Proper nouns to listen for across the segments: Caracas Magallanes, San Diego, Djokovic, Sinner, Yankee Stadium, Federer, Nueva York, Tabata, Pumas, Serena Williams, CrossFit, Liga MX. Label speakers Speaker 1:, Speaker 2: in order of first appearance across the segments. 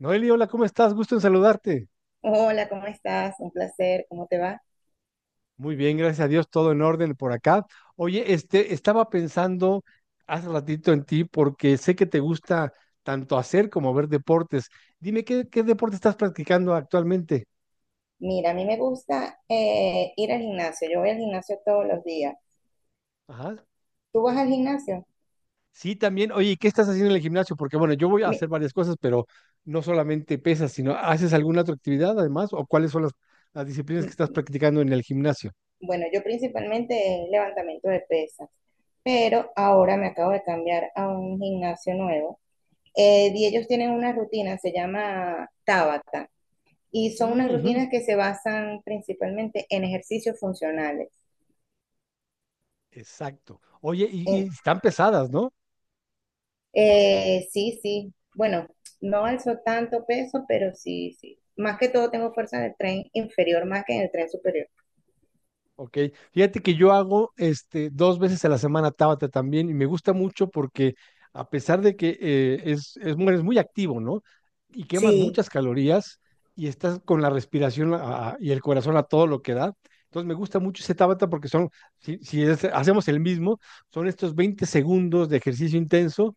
Speaker 1: Noeli, hola, ¿cómo estás? Gusto en saludarte.
Speaker 2: Hola, ¿cómo estás? Un placer, ¿cómo te va?
Speaker 1: Muy bien, gracias a Dios, todo en orden por acá. Oye, estaba pensando hace ratito en ti porque sé que te gusta tanto hacer como ver deportes. Dime, ¿qué deporte estás practicando actualmente?
Speaker 2: Mira, a mí me gusta ir al gimnasio. Yo voy al gimnasio todos los días.
Speaker 1: Ajá.
Speaker 2: ¿Tú vas al gimnasio?
Speaker 1: Sí, también. Oye, ¿Qué estás haciendo en el gimnasio? Porque bueno, yo voy a
Speaker 2: Mi-
Speaker 1: hacer varias cosas, pero no solamente pesas, sino ¿haces alguna otra actividad además? ¿O cuáles son las disciplinas que estás
Speaker 2: mi-
Speaker 1: practicando en el gimnasio?
Speaker 2: bueno, yo principalmente es levantamiento de pesas, pero ahora me acabo de cambiar a un gimnasio nuevo. Y ellos tienen una rutina, se llama Tabata, y son unas
Speaker 1: Mm, ujú.
Speaker 2: rutinas que se basan principalmente en ejercicios funcionales.
Speaker 1: Exacto. Oye, y
Speaker 2: En-
Speaker 1: están pesadas, ¿no?
Speaker 2: Sí, sí. Bueno, no alzo tanto peso, pero sí, sí. Más que todo tengo fuerza en el tren inferior más que en el tren superior.
Speaker 1: Ok, fíjate que yo hago 2 veces a la semana Tabata también y me gusta mucho porque a pesar de que eres muy activo, ¿no? Y quemas
Speaker 2: Sí,
Speaker 1: muchas calorías y estás con la respiración y el corazón a todo lo que da. Entonces me gusta mucho ese Tabata porque son, si, si es- hacemos el mismo, son estos 20 segundos de ejercicio intenso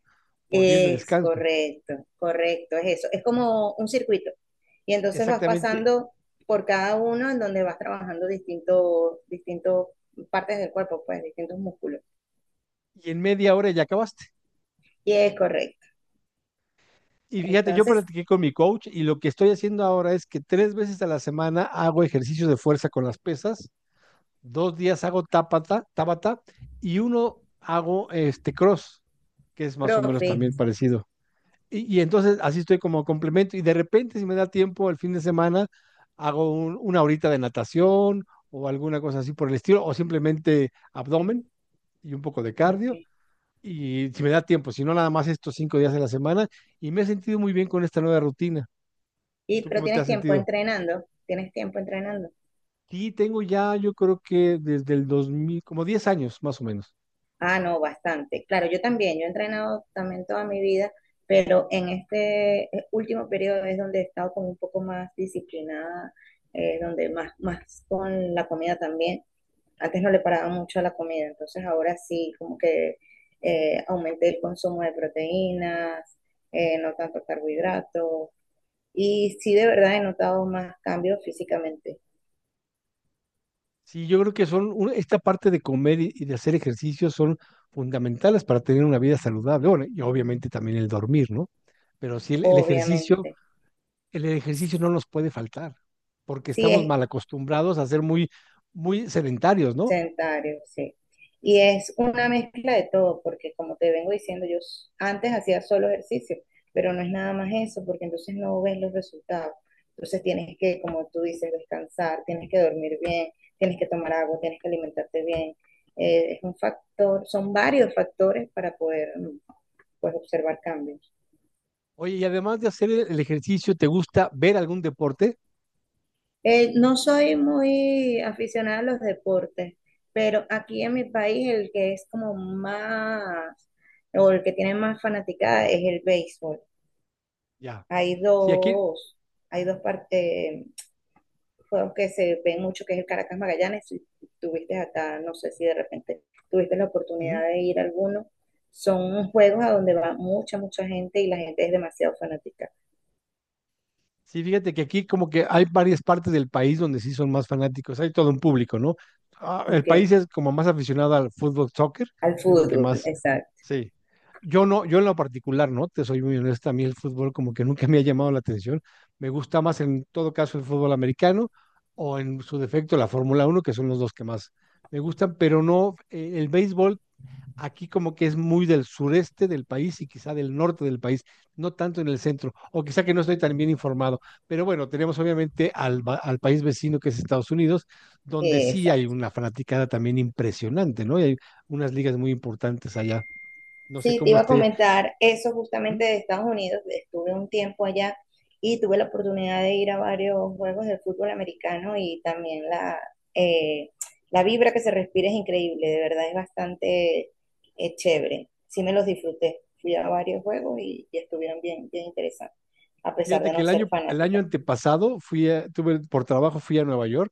Speaker 1: por 10 de
Speaker 2: es
Speaker 1: descanso.
Speaker 2: correcto, correcto, es eso. Es como un circuito. Y entonces vas
Speaker 1: Exactamente.
Speaker 2: pasando por cada uno en donde vas trabajando distintos, partes del cuerpo, pues distintos músculos.
Speaker 1: Y en media hora ya acabaste.
Speaker 2: Y es correcto.
Speaker 1: Y fíjate, yo
Speaker 2: Entonces,
Speaker 1: practiqué con mi coach y lo que estoy haciendo ahora es que 3 veces a la semana hago ejercicios de fuerza con las pesas, 2 días hago tabata y uno hago cross, que es más o menos
Speaker 2: profit.
Speaker 1: también parecido. Y entonces así estoy como complemento y de repente si me da tiempo el fin de semana hago una horita de natación o alguna cosa así por el estilo o simplemente abdomen y un poco de
Speaker 2: Ok.
Speaker 1: cardio y si me da tiempo, si no nada más estos 5 días de la semana y me he sentido muy bien con esta nueva rutina. ¿Tú
Speaker 2: Pero
Speaker 1: cómo te
Speaker 2: tienes
Speaker 1: has
Speaker 2: tiempo
Speaker 1: sentido?
Speaker 2: entrenando, tienes tiempo entrenando.
Speaker 1: Sí, tengo ya, yo creo que desde el 2000 como 10 años más o menos.
Speaker 2: Ah, no, bastante. Claro, yo también, yo he entrenado también toda mi vida, pero en este último periodo es donde he estado como un poco más disciplinada, donde más, más con la comida también. Antes no le paraba mucho a la comida, entonces ahora sí, como que aumenté el consumo de proteínas, no tanto carbohidratos, y sí de verdad he notado más cambios físicamente,
Speaker 1: Sí, yo creo que son, esta parte de comer y de hacer ejercicio son fundamentales para tener una vida saludable. Bueno, y obviamente también el dormir, ¿no? Pero sí, el, el ejercicio,
Speaker 2: obviamente.
Speaker 1: el ejercicio no nos puede faltar, porque
Speaker 2: Sí,
Speaker 1: estamos mal acostumbrados a ser muy, muy sedentarios, ¿no?
Speaker 2: sedentario sí. Y es una mezcla de todo, porque como te vengo diciendo, antes hacía solo ejercicio, pero no es nada más eso, porque entonces no ves los resultados. Entonces tienes que, como tú dices, descansar, tienes que dormir bien, tienes que tomar agua, tienes que alimentarte bien. Es un factor, son varios factores para poder pues, observar cambios.
Speaker 1: Oye, y además de hacer el ejercicio, ¿te gusta ver algún deporte?
Speaker 2: No soy muy aficionada a los deportes, pero aquí en mi país el que es como más, o el que tiene más fanaticada es el béisbol.
Speaker 1: Ya.
Speaker 2: Hay
Speaker 1: Sí, aquí.
Speaker 2: dos, hay dos partes, juegos que se ven mucho, que es el Caracas Magallanes. Si tuviste acá, no sé si de repente tuviste la oportunidad
Speaker 1: Ujú.
Speaker 2: de ir a alguno. Son juegos a donde va mucha, mucha gente y la gente es demasiado fanática.
Speaker 1: Sí, fíjate que aquí como que hay varias partes del país donde sí son más fanáticos, hay todo un público, ¿no? Ah, el
Speaker 2: Ok,
Speaker 1: país es como más aficionado al fútbol, soccer,
Speaker 2: al
Speaker 1: es lo que
Speaker 2: fútbol,
Speaker 1: más,
Speaker 2: exacto.
Speaker 1: sí. Yo no, yo en lo particular, ¿no? Te soy muy honesta, a mí el fútbol como que nunca me ha llamado la atención. Me gusta más en todo caso el fútbol americano o en su defecto la Fórmula Uno, que son los dos que más me gustan, pero no, el béisbol aquí como que es muy del sureste del país y quizá del norte del país, no tanto en el centro, o quizá que no estoy tan bien informado. Pero bueno, tenemos obviamente al país vecino que es Estados Unidos, donde sí hay una fanaticada también impresionante, ¿no? Y hay unas ligas muy importantes allá. No sé
Speaker 2: Sí, te
Speaker 1: cómo
Speaker 2: iba a
Speaker 1: esté.
Speaker 2: comentar eso
Speaker 1: ¿Mm?
Speaker 2: justamente de Estados Unidos. Estuve un tiempo allá y tuve la oportunidad de ir a varios juegos de fútbol americano y también eh, la vibra que se respira es increíble, de verdad es bastante chévere. Sí me los disfruté. Fui a varios juegos y estuvieron bien, bien interesantes, a pesar
Speaker 1: Fíjate
Speaker 2: de
Speaker 1: que
Speaker 2: no
Speaker 1: el
Speaker 2: ser
Speaker 1: año, el año
Speaker 2: fanática.
Speaker 1: antepasado tuve, por trabajo fui a Nueva York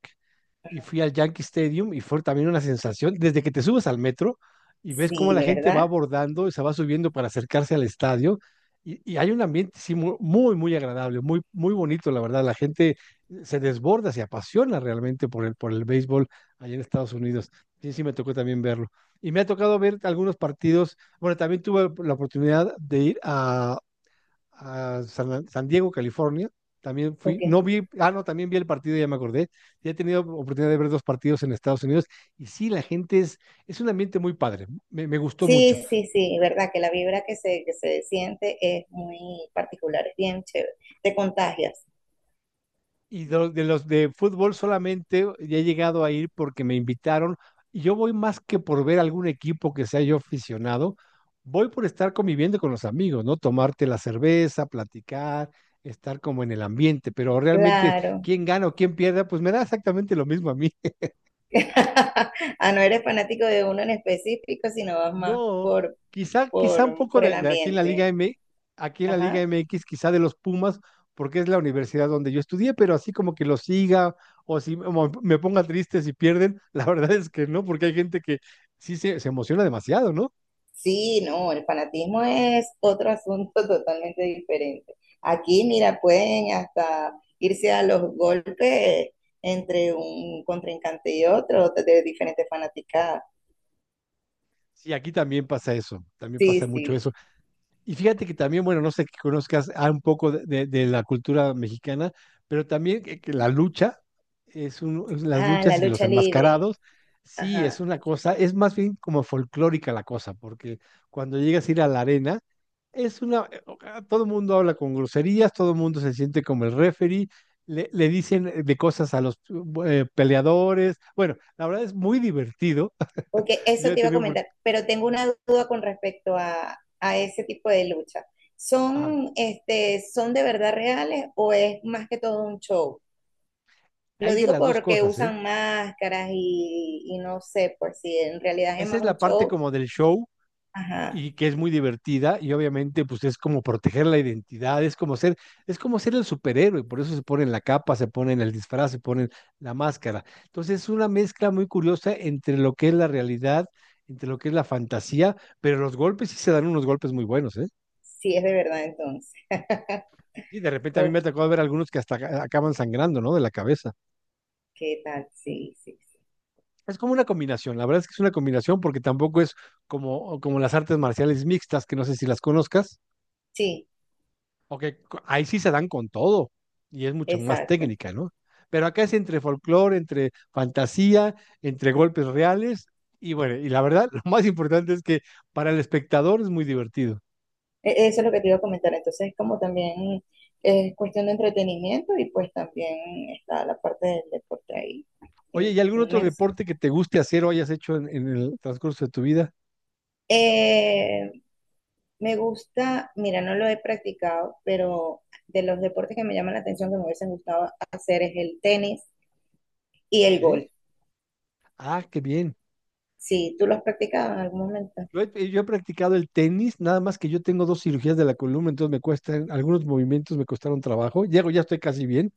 Speaker 1: y fui al Yankee Stadium y fue también una sensación, desde que te subes al metro y ves cómo
Speaker 2: Sí,
Speaker 1: la gente va
Speaker 2: ¿verdad?
Speaker 1: abordando y se va subiendo para acercarse al estadio y hay un ambiente sí, muy, muy agradable, muy, muy bonito, la verdad, la gente se desborda, se apasiona realmente por el béisbol allá en Estados Unidos. Sí, sí, me tocó también verlo. Y me ha tocado ver algunos partidos, bueno, también tuve la oportunidad de ir a San Diego, California. También fui,
Speaker 2: Ok.
Speaker 1: no vi, ah, no, también vi el partido, ya me acordé. Ya he tenido oportunidad de ver dos partidos en Estados Unidos y sí, la gente es un ambiente muy padre, me gustó mucho.
Speaker 2: Sí, sí, sí, verdad que la vibra que que se siente es muy particular, es bien chévere. Te contagias.
Speaker 1: Y de los de fútbol solamente ya he llegado a ir porque me invitaron y yo voy más que por ver algún equipo que sea yo aficionado, voy por estar conviviendo con los amigos, ¿no? Tomarte la cerveza, platicar, estar como en el ambiente, pero realmente
Speaker 2: Claro.
Speaker 1: quién gana o quién pierda, pues me da exactamente lo mismo a mí.
Speaker 2: Ah, no eres fanático de uno en específico, sino vas más
Speaker 1: No, quizá, quizá un poco
Speaker 2: por el
Speaker 1: de
Speaker 2: ambiente.
Speaker 1: Aquí en la Liga
Speaker 2: Ajá.
Speaker 1: MX, quizá de los Pumas, porque es la universidad donde yo estudié, pero así como que los siga o si me ponga triste si pierden, la verdad es que no, porque hay gente que sí se emociona demasiado, ¿no?
Speaker 2: Sí, no, el fanatismo es otro asunto totalmente diferente. Aquí, mira, pueden hasta irse a los golpes entre un contrincante y otro de diferentes fanaticadas.
Speaker 1: Sí, aquí también pasa eso, también pasa
Speaker 2: Sí,
Speaker 1: mucho
Speaker 2: sí.
Speaker 1: eso. Y fíjate que también, bueno, no sé que conozcas un poco de la cultura mexicana, pero también que la lucha, es las
Speaker 2: Ah, la
Speaker 1: luchas y los
Speaker 2: lucha libre.
Speaker 1: enmascarados, sí, es
Speaker 2: Ajá.
Speaker 1: una cosa, es más bien como folclórica la cosa, porque cuando llegas a ir a la arena, es una, o- ah, todo el mundo habla con groserías, todo el mundo se siente como el referee, le dicen de cosas a los peleadores, bueno, la verdad es muy divertido,
Speaker 2: Ok,
Speaker 1: ya
Speaker 2: eso
Speaker 1: he
Speaker 2: te iba a
Speaker 1: tenido,
Speaker 2: comentar, pero tengo una duda con respecto a ese tipo de lucha.
Speaker 1: ajá,
Speaker 2: ¿Son, este, son de verdad reales o es más que todo un show? Lo
Speaker 1: hay de
Speaker 2: digo
Speaker 1: las dos
Speaker 2: porque
Speaker 1: cosas, ¿eh?
Speaker 2: usan máscaras y no sé, por si en realidad es
Speaker 1: Esa
Speaker 2: más
Speaker 1: es
Speaker 2: un
Speaker 1: la parte
Speaker 2: show.
Speaker 1: como del show
Speaker 2: Ajá,
Speaker 1: y que es muy divertida y obviamente pues es como proteger la identidad, es como ser el superhéroe, por eso se ponen la capa, se ponen el disfraz, se ponen la máscara. Entonces es una mezcla muy curiosa entre lo que es la realidad, entre lo que es la fantasía, pero los golpes sí se dan unos golpes muy buenos, ¿eh?
Speaker 2: sí es de verdad entonces.
Speaker 1: Y de repente a mí me ha
Speaker 2: Ok,
Speaker 1: tocado ver algunos que hasta acaban sangrando, ¿no? De la cabeza.
Speaker 2: tal, sí, sí, sí.
Speaker 1: Es como una combinación, la verdad es que es una combinación porque tampoco es como las artes marciales mixtas, que no sé si las conozcas.
Speaker 2: Sí,
Speaker 1: Ok. Ahí sí se dan con todo y es mucho más
Speaker 2: exacto.
Speaker 1: técnica, ¿no? Pero acá es entre folclore, entre fantasía, entre golpes reales y bueno, y la verdad, lo más importante es que para el espectador es muy divertido.
Speaker 2: Eso es lo que te iba a comentar. Entonces, es como también es cuestión de entretenimiento y pues también está la parte del deporte ahí
Speaker 1: Oye, ¿y algún otro
Speaker 2: inmersa.
Speaker 1: deporte que te guste hacer o hayas hecho en el transcurso de tu vida?
Speaker 2: Eh, me gusta, mira, no lo he practicado, pero de los deportes que me llaman la atención, que me hubiesen gustado hacer es el tenis y el
Speaker 1: Ok.
Speaker 2: golf.
Speaker 1: Ah, qué bien.
Speaker 2: Sí, ¿tú lo has practicado en algún momento?
Speaker 1: Yo he practicado el tenis, nada más que yo tengo dos cirugías de la columna, entonces me cuestan, algunos movimientos me costaron trabajo. Llego, ya estoy casi bien,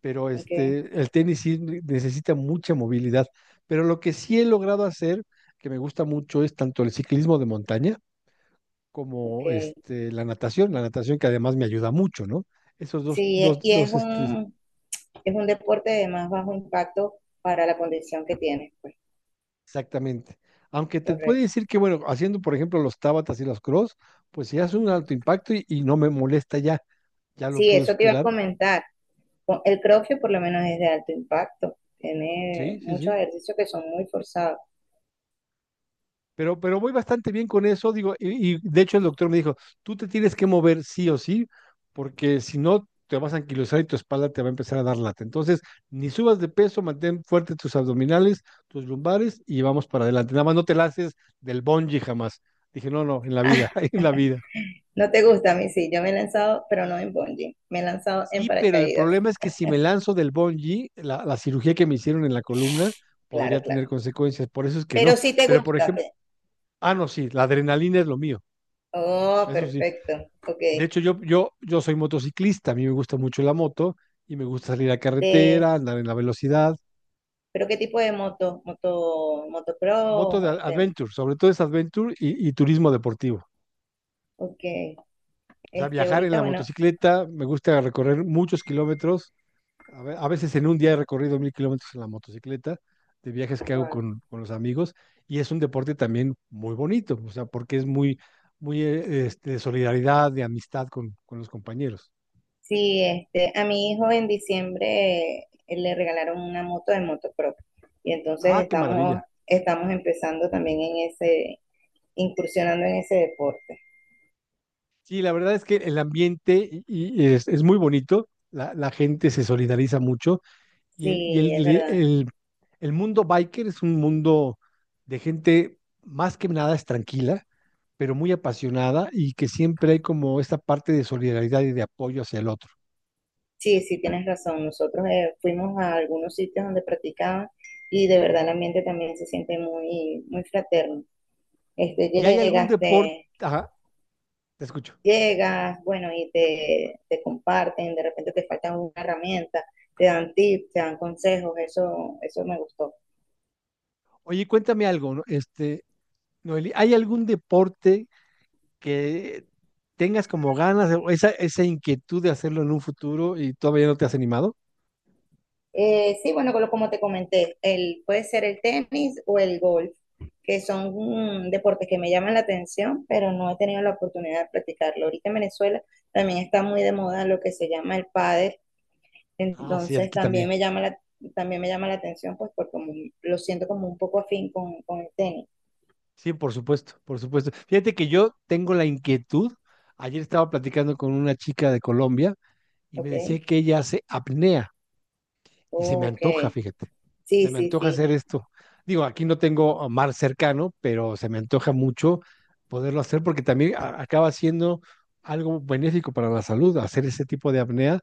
Speaker 1: pero
Speaker 2: Ok,
Speaker 1: el tenis sí necesita mucha movilidad. Pero lo que sí he logrado hacer, que me gusta mucho, es tanto el ciclismo de montaña
Speaker 2: ok.
Speaker 1: como la natación que además me ayuda mucho, ¿no? Esos dos,
Speaker 2: Sí,
Speaker 1: dos,
Speaker 2: y
Speaker 1: dos,
Speaker 2: es un deporte de más bajo impacto para la condición que tienes, pues,
Speaker 1: exactamente. Aunque te puede
Speaker 2: correcto.
Speaker 1: decir que, bueno, haciendo, por ejemplo, los tábatas y los cross, pues si hace un alto impacto y no me molesta ya, ya lo
Speaker 2: Sí,
Speaker 1: pude
Speaker 2: eso te iba a
Speaker 1: superar.
Speaker 2: comentar. El CrossFit por lo menos es de alto impacto.
Speaker 1: Sí,
Speaker 2: Tiene
Speaker 1: sí,
Speaker 2: muchos
Speaker 1: sí.
Speaker 2: ejercicios que son muy forzados.
Speaker 1: Pero voy bastante bien con eso, digo, y de hecho el doctor me dijo, tú te tienes que mover sí o sí, porque si no te vas a anquilosar y tu espalda te va a empezar a dar lata. Entonces, ni subas de peso, mantén fuerte tus abdominales, tus lumbares y vamos para adelante. Nada más no te lances del bungee jamás. Dije, no, no, en la vida, en la vida.
Speaker 2: No te gusta a mí, sí. Yo me he lanzado, pero no en bungee. Me he lanzado en
Speaker 1: Sí, pero el
Speaker 2: paracaídas.
Speaker 1: problema es que si me lanzo del bungee, la cirugía que me hicieron en la columna
Speaker 2: Claro,
Speaker 1: podría
Speaker 2: claro.
Speaker 1: tener consecuencias, por eso es que
Speaker 2: Pero
Speaker 1: no.
Speaker 2: sí te
Speaker 1: Pero, por
Speaker 2: gusta.
Speaker 1: ejemplo,
Speaker 2: Te-
Speaker 1: ah, no, sí, la adrenalina es lo mío,
Speaker 2: Oh,
Speaker 1: eso sí.
Speaker 2: perfecto. Ok.
Speaker 1: De hecho, yo soy motociclista, a mí me gusta mucho la moto y me gusta salir a
Speaker 2: De...
Speaker 1: carretera, andar en la velocidad.
Speaker 2: ¿Pero qué tipo de moto? ¿Moto,
Speaker 1: Moto
Speaker 2: motocross?
Speaker 1: de
Speaker 2: Este,
Speaker 1: adventure, sobre todo es adventure y turismo deportivo.
Speaker 2: ok.
Speaker 1: O sea,
Speaker 2: Este,
Speaker 1: viajar en
Speaker 2: ahorita,
Speaker 1: la
Speaker 2: bueno,
Speaker 1: motocicleta, me gusta recorrer muchos kilómetros. A veces en un día he recorrido 1.000 kilómetros en la motocicleta, de viajes que hago
Speaker 2: wow.
Speaker 1: con los amigos. Y es un deporte también muy bonito, o sea, porque es muy, muy de solidaridad, de amistad con los compañeros.
Speaker 2: Sí, este, a mi hijo en diciembre le regalaron una moto de motocross y entonces
Speaker 1: Ah, qué maravilla.
Speaker 2: estamos empezando también en ese, incursionando en ese deporte.
Speaker 1: Sí, la verdad es que el ambiente y es muy bonito, la gente se solidariza mucho y, el, y
Speaker 2: Sí, es
Speaker 1: el-
Speaker 2: verdad.
Speaker 1: el- el mundo biker es un mundo de gente más que nada es tranquila, pero muy apasionada y que siempre hay como esta parte de solidaridad y de apoyo hacia el otro.
Speaker 2: Sí, sí, tienes razón. Nosotros fuimos a algunos sitios donde practicaban y de verdad el ambiente también se siente muy, muy fraterno. Este,
Speaker 1: ¿Y hay algún deporte? Ajá, te escucho.
Speaker 2: llegas, bueno, te comparten, de repente te faltan una herramienta, te dan tips, te dan consejos, eso me gustó.
Speaker 1: Oye, cuéntame algo, ¿no? Noeli, ¿hay algún deporte que tengas como ganas o esa inquietud de hacerlo en un futuro y todavía no te has animado?
Speaker 2: Sí, bueno, como te comenté, el, puede ser el tenis o el golf, que son deportes que me llaman la atención, pero no he tenido la oportunidad de practicarlo. Ahorita en Venezuela también está muy de moda lo que se llama el pádel,
Speaker 1: Ah, sí,
Speaker 2: entonces
Speaker 1: aquí también.
Speaker 2: también me llama también me llama la atención, pues porque como lo siento como un poco afín con el tenis,
Speaker 1: Sí, por supuesto, por supuesto. Fíjate que yo tengo la inquietud. Ayer estaba platicando con una chica de Colombia y me
Speaker 2: ¿ok?
Speaker 1: decía que ella hace apnea y se me
Speaker 2: Ok,
Speaker 1: antoja, fíjate.
Speaker 2: sí,
Speaker 1: Se me
Speaker 2: sí,
Speaker 1: antoja
Speaker 2: sí,
Speaker 1: hacer esto. Digo, aquí no tengo a mar cercano, pero se me antoja mucho poderlo hacer porque también acaba siendo algo benéfico para la salud, hacer ese tipo de apnea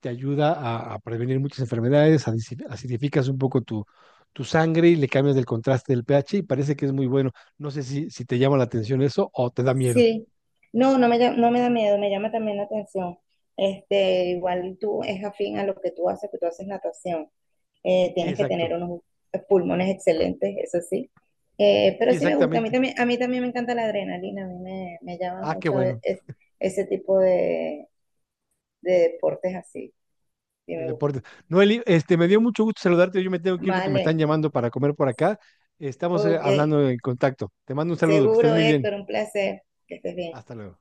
Speaker 1: te ayuda a prevenir muchas enfermedades, acidificas un poco tu sangre y le cambias el contraste del pH y parece que es muy bueno. No sé si te llama la atención eso o te da miedo.
Speaker 2: sí. No, no me, no me da miedo, me llama también la atención. Este, igual tú es afín a lo que tú haces natación.
Speaker 1: Sí,
Speaker 2: Tienes que tener
Speaker 1: exacto.
Speaker 2: unos pulmones excelentes, eso sí.
Speaker 1: Sí,
Speaker 2: Pero sí me gusta,
Speaker 1: exactamente.
Speaker 2: a mí también me encanta la adrenalina, a mí me llama
Speaker 1: Ah, qué
Speaker 2: mucho
Speaker 1: bueno.
Speaker 2: ese tipo de deportes así, sí
Speaker 1: De
Speaker 2: me
Speaker 1: deporte.
Speaker 2: gusta.
Speaker 1: Noeli, me dio mucho gusto saludarte. Yo me tengo que ir porque me están
Speaker 2: Vale,
Speaker 1: llamando para comer por acá. Estamos
Speaker 2: ok,
Speaker 1: hablando en contacto. Te mando un saludo, que estés
Speaker 2: seguro
Speaker 1: muy bien.
Speaker 2: Héctor, un placer, que estés bien.
Speaker 1: Hasta luego.